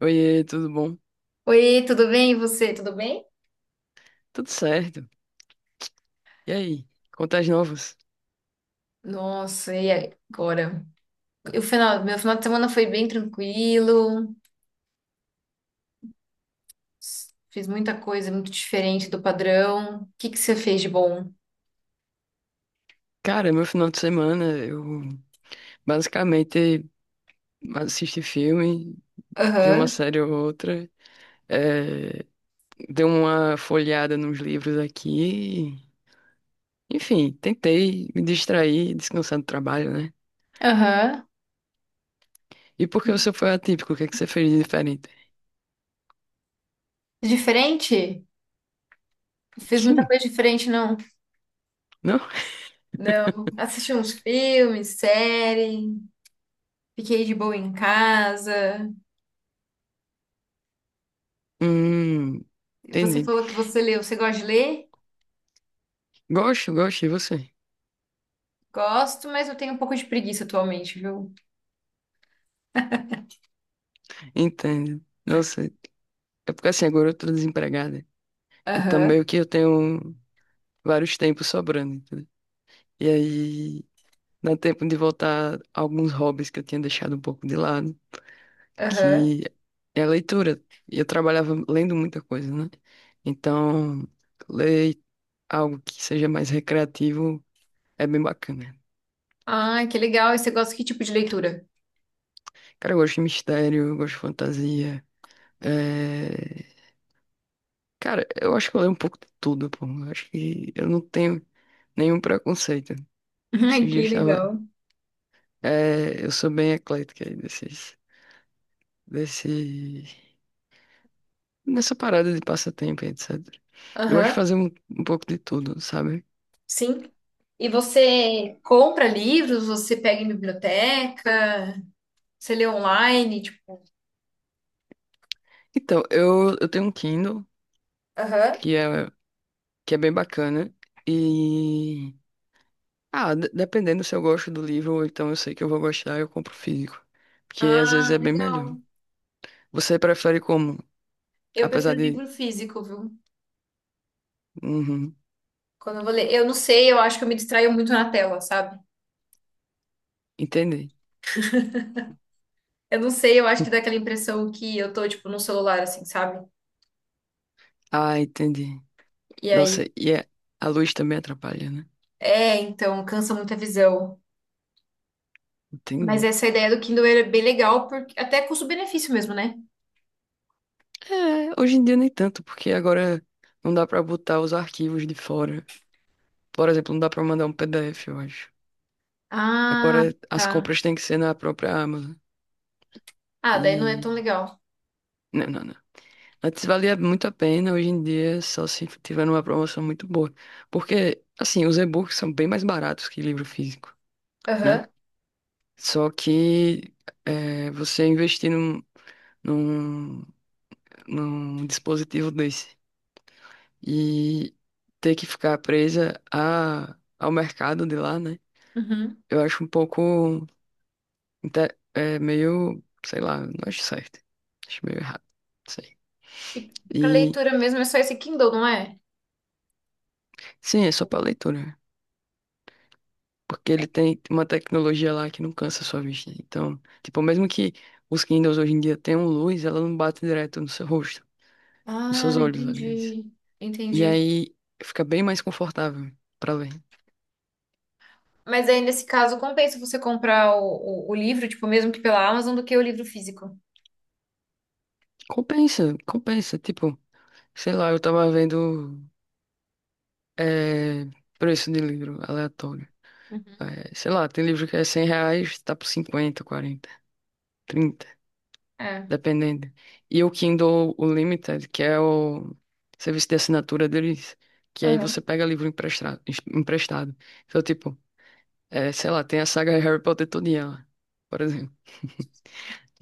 Oiê, tudo bom? Oi, tudo bem? E você, tudo bem? Tudo certo. E aí, contas novas? Nossa, e agora? Meu final de semana foi bem tranquilo, fiz muita coisa muito diferente do padrão. O que que você fez de bom? Cara, meu final de semana eu basicamente assisti filme, vi uma Aham, série ou outra, eh, dei uma folheada nos livros aqui. Enfim, tentei me distrair, descansar do trabalho, né? aham. E porque você foi atípico, o que é que você fez de diferente? Diferente? Fiz muita Sim, coisa diferente, não. não? Não. Assisti uns filmes, série, fiquei de boa em casa. Hum, Você entendi. falou que você leu. Você gosta de ler? Gosto, gosto, e você? Gosto, mas eu tenho um pouco de preguiça atualmente, viu? Entendo. Nossa, é porque assim, agora eu tô desempregada. Então, Aham, meio que eu tenho vários tempos sobrando, entendeu? E aí, dá tempo de voltar a alguns hobbies que eu tinha deixado um pouco de lado, aham. que é a leitura. E eu trabalhava lendo muita coisa, né? Então, ler algo que seja mais recreativo é bem bacana. Ah, que legal. E você gosta que tipo de leitura? Cara, eu gosto de mistério, eu gosto de fantasia. É... Cara, eu acho que eu leio um pouco de tudo, pô. Eu acho que eu não tenho nenhum preconceito. Esse Ai, dia eu que estava legal. É, eu sou bem eclética aí desse, nessa parada de passatempo, e etc. Eu gosto de Aham, fazer um pouco de tudo, sabe? sim. E você compra livros? Você pega em biblioteca? Você lê online? Tipo... Então, eu tenho um Kindle Aham. que é, que é bem bacana e... Ah, dependendo se eu gosto do livro ou então eu sei que eu vou gostar, eu compro físico. Porque às vezes Ah, é bem melhor. legal. Você prefere como? Eu Apesar prefiro de... livro físico, viu? Uhum, Quando eu vou ler. Eu não sei, eu acho que eu me distraio muito na tela, sabe? entendi. Eu não sei, eu acho que dá aquela impressão que eu tô, tipo, no celular, assim, sabe? Ah, entendi. E aí. Nossa, e a luz também atrapalha, né? É, então, cansa muito a visão. Mas Entendi. essa ideia do Kindle é bem legal, porque até custo-benefício mesmo, né? É, hoje em dia nem tanto, porque agora não dá pra botar os arquivos de fora. Por exemplo, não dá pra mandar um PDF, eu acho. Ah, Agora as tá. compras têm que ser na própria Amazon. Ah, daí não é E. tão legal. Não, não, não. Antes valia muito a pena, hoje em dia só se tiver uma promoção muito boa. Porque, assim, os e-books são bem mais baratos que livro físico, né? Aham. Só que você investir num, num dispositivo desse. E ter que ficar presa ao mercado de lá, né? Uhum. Eu acho um pouco meio, sei lá, não acho certo. Acho meio errado. Não sei. E, e para E leitura mesmo é só esse Kindle, não é? sim, é só pra leitura, né? Porque É. ele tem uma tecnologia lá que não cansa a sua vista. Então, tipo, mesmo que os Kindles hoje em dia tenham luz, ela não bate direto no seu rosto, nos seus Ah, olhos, aliás. entendi. E Entendi. aí fica bem mais confortável pra ler. Mas aí, nesse caso, compensa você comprar o livro, tipo, mesmo que pela Amazon, do que o livro físico. Compensa, compensa. Tipo, sei lá, eu tava vendo. É, preço de livro aleatório. Uhum. É, sei lá, tem livro que é 100 reais, tá por 50, 40, 30, É. dependendo. E o Kindle Unlimited, que é o serviço de assinatura deles, que aí você Aham. pega livro emprestado. emprestado. Então, tipo, sei lá, tem a saga Harry Potter todinha lá, por exemplo.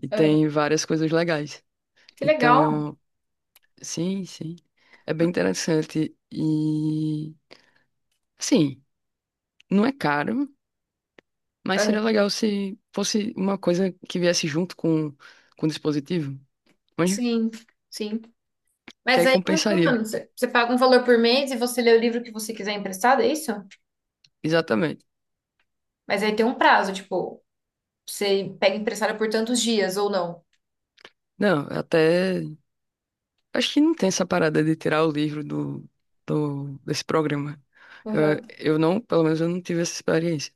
E Aham. tem várias coisas legais. Que legal. Então, sim, sim. É bem interessante. E, assim, não é caro. Mas seria Aham. legal se fosse uma coisa que viesse junto com o dispositivo. Mas Sim, sim. que Mas aí aí, como compensaria. funciona? Você paga um valor por mês e você lê o livro que você quiser emprestado, é isso? Exatamente. Mas aí tem um prazo, tipo, você pega emprestado por tantos dias ou não. Não, até. Acho que não tem essa parada de tirar o livro desse programa. Eu, eu não, pelo menos eu não tive essa experiência.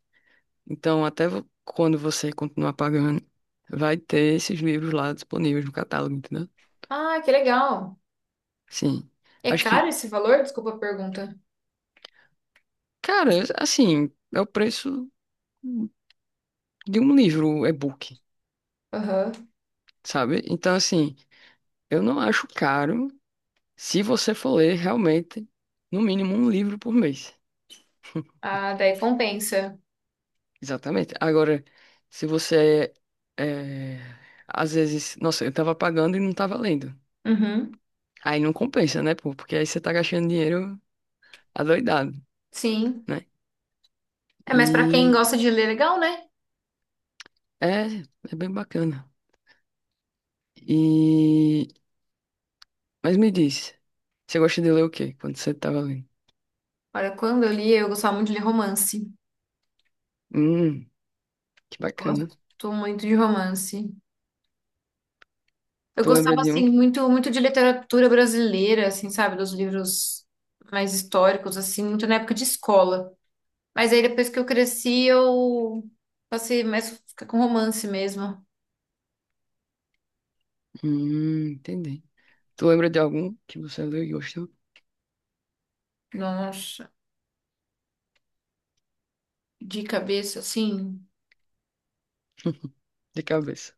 Então, até quando você continuar pagando, vai ter esses livros lá disponíveis no catálogo, entendeu? Ah, que legal. Sim. É Acho caro que, esse valor? Desculpa a pergunta. cara, assim, é o preço de um livro um e-book, Aham. sabe? Então, assim. Eu não acho caro se você for ler realmente, no mínimo, um livro por mês. Ah, daí compensa. Exatamente. Agora, se você é, às vezes, nossa, eu tava pagando e não tava lendo. Uhum. Aí não compensa, né, pô? Porque aí você tá gastando dinheiro adoidado, Sim. né? É, mas pra quem E gosta de ler, legal, né? é, é bem bacana. E mas me diz, você gosta de ler o quê quando você tava lendo? Olha, quando eu li, eu gostava muito de ler romance. Hum, que bacana. Gosto muito de romance. Eu Tu lembra gostava, de um assim, que... muito, muito de literatura brasileira, assim, sabe? Dos livros mais históricos, assim, muito na época de escola. Mas aí, depois que eu cresci, eu passei mais a ficar com romance mesmo. Entendi. Tu lembra de algum que você leu e gostou? Nossa, de cabeça, assim. De cabeça.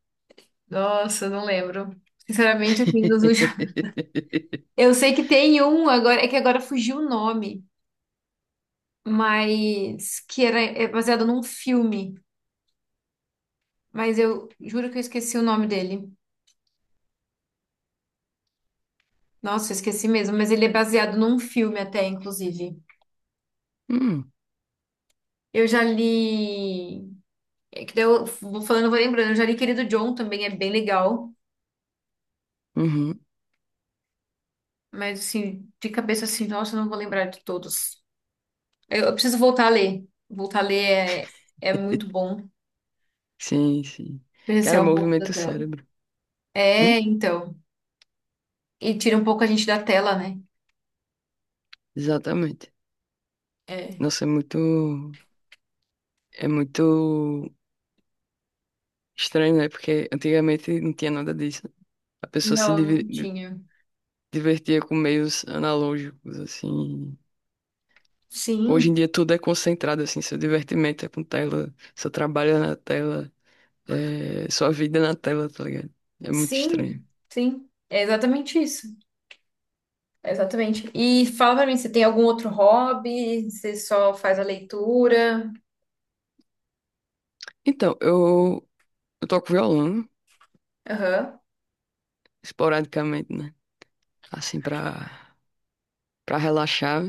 Nossa, não lembro. Sinceramente, assim, dos últimos. Eu sei que tem um agora, é que agora fugiu o nome, mas que era é baseado num filme. Mas eu juro que eu esqueci o nome dele. Nossa, eu esqueci mesmo, mas ele é baseado num filme até, inclusive. Hum, Eu já li. É que daí eu vou falando, eu vou lembrando. Eu já li Querido John também, é bem legal. uhum. Mas assim, de cabeça assim, nossa, eu não vou lembrar de todos. Eu preciso voltar a ler. Voltar a ler é, é muito bom. Sim, sim. Cara, Presenciar um pouco da movimento o tela. cérebro. É, Hum? então. E tira um pouco a gente da tela, né? Exatamente. É. Nossa, é muito estranho, né? Porque antigamente não tinha nada disso. A pessoa se Não, não tinha. divertia com meios analógicos, assim. Hoje em Sim, dia tudo é concentrado, assim. Seu divertimento é com tela, seu trabalho é na tela, sua vida é na tela, tá ligado? É muito estranho. sim, sim. É exatamente isso. É exatamente. E fala pra mim, você tem algum outro hobby? Você só faz a leitura? Então, eu toco violão. Aham. Esporadicamente, né? Assim, pra relaxar.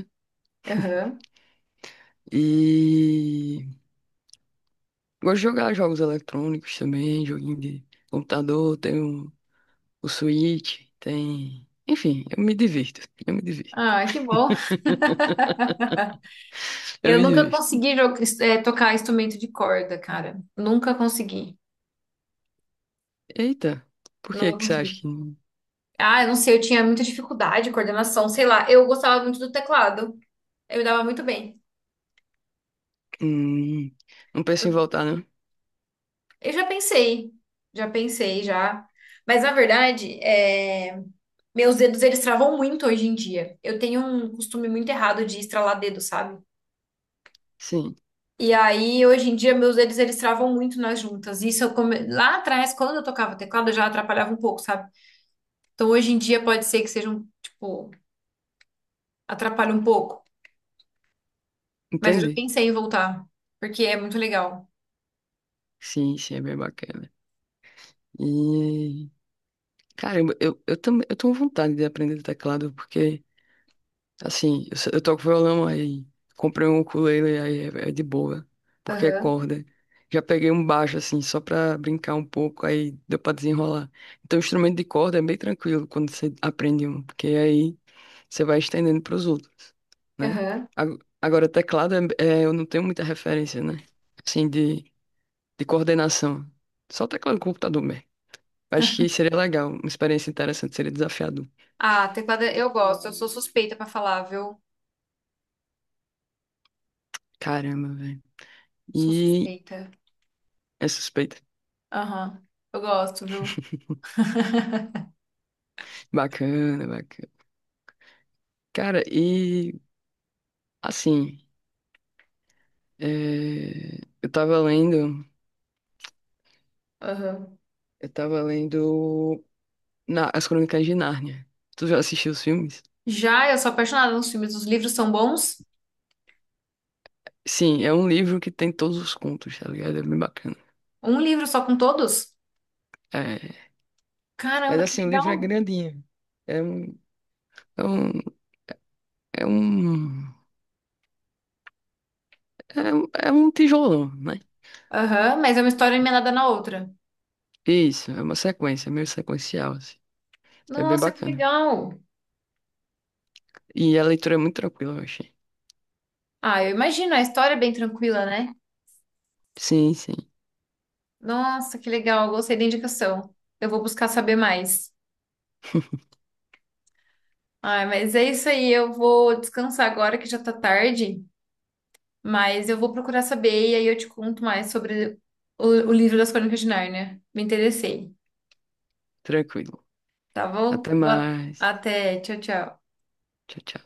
Aham. E gosto de jogar jogos eletrônicos também, joguinho de computador, tem o Switch, tem. Enfim, eu me divirto. Eu me divirto. Ah, que bom. Eu Eu me nunca divirto. consegui jo- tocar instrumento de corda, cara. Nunca consegui. Eita, por que Não que você acha consegui. que não, Ah, eu não sei, eu tinha muita dificuldade, coordenação, sei lá. Eu gostava muito do teclado. Eu me dava muito bem. hum, não pensa em voltar, não? Eu já pensei, já pensei já. Mas na verdade, é, meus dedos eles travam muito hoje em dia. Eu tenho um costume muito errado de estralar dedo, sabe? Sim, E aí, hoje em dia, meus dedos eles travam muito nas juntas. Isso eu come... lá atrás, quando eu tocava teclado, já atrapalhava um pouco, sabe? Então hoje em dia pode ser que seja um, tipo, atrapalha um pouco. Mas eu já entendi. pensei em voltar, porque é muito legal. Sim, sim, é bem bacana. E. Caramba, eu também eu tenho vontade de aprender teclado, porque assim, eu toco violão aí, comprei um ukulele aí é de boa, porque é Aham, corda. Já peguei um baixo assim, só pra brincar um pouco, aí deu pra desenrolar. Então, o instrumento de corda é bem tranquilo quando você aprende um, porque aí você vai estendendo pros outros, né? aham. Agora, teclado, eu não tenho muita referência, né? Assim, de coordenação. Só teclado do computador mesmo. Acho que seria legal, uma experiência interessante, seria desafiador. Ah, teclado é, eu gosto. Eu sou suspeita pra falar, viu? Caramba, velho. Sou E suspeita. é suspeito. Aham. Eu gosto, viu? Bacana, bacana. Cara, e assim, é, eu tava lendo, Aham. eu tava lendo As Crônicas de Nárnia. Tu já assistiu os filmes? Já eu sou apaixonada nos filmes. Os livros são bons? Sim, é um livro que tem todos os contos, tá ligado? É bem bacana. Um livro só com todos? É, Caramba, mas que assim, o livro é legal. grandinho. É um, é um, é um, é um, é um tijolão, né? Aham, mas é uma história emendada na outra. Isso, é uma sequência, meio sequencial, assim. É bem Nossa, que bacana. legal. E a leitura é muito tranquila, eu achei. Ah, eu imagino, a história é bem tranquila, né? Sim, sim, Nossa, que legal. Gostei da indicação. Eu vou buscar saber mais. Ai, mas é isso aí. Eu vou descansar agora que já tá tarde, mas eu vou procurar saber e aí eu te conto mais sobre o livro das Crônicas de Nárnia. Me interessei. tranquilo. Tá bom? Até Boa- mais. Até. Tchau, tchau. Tchau, tchau.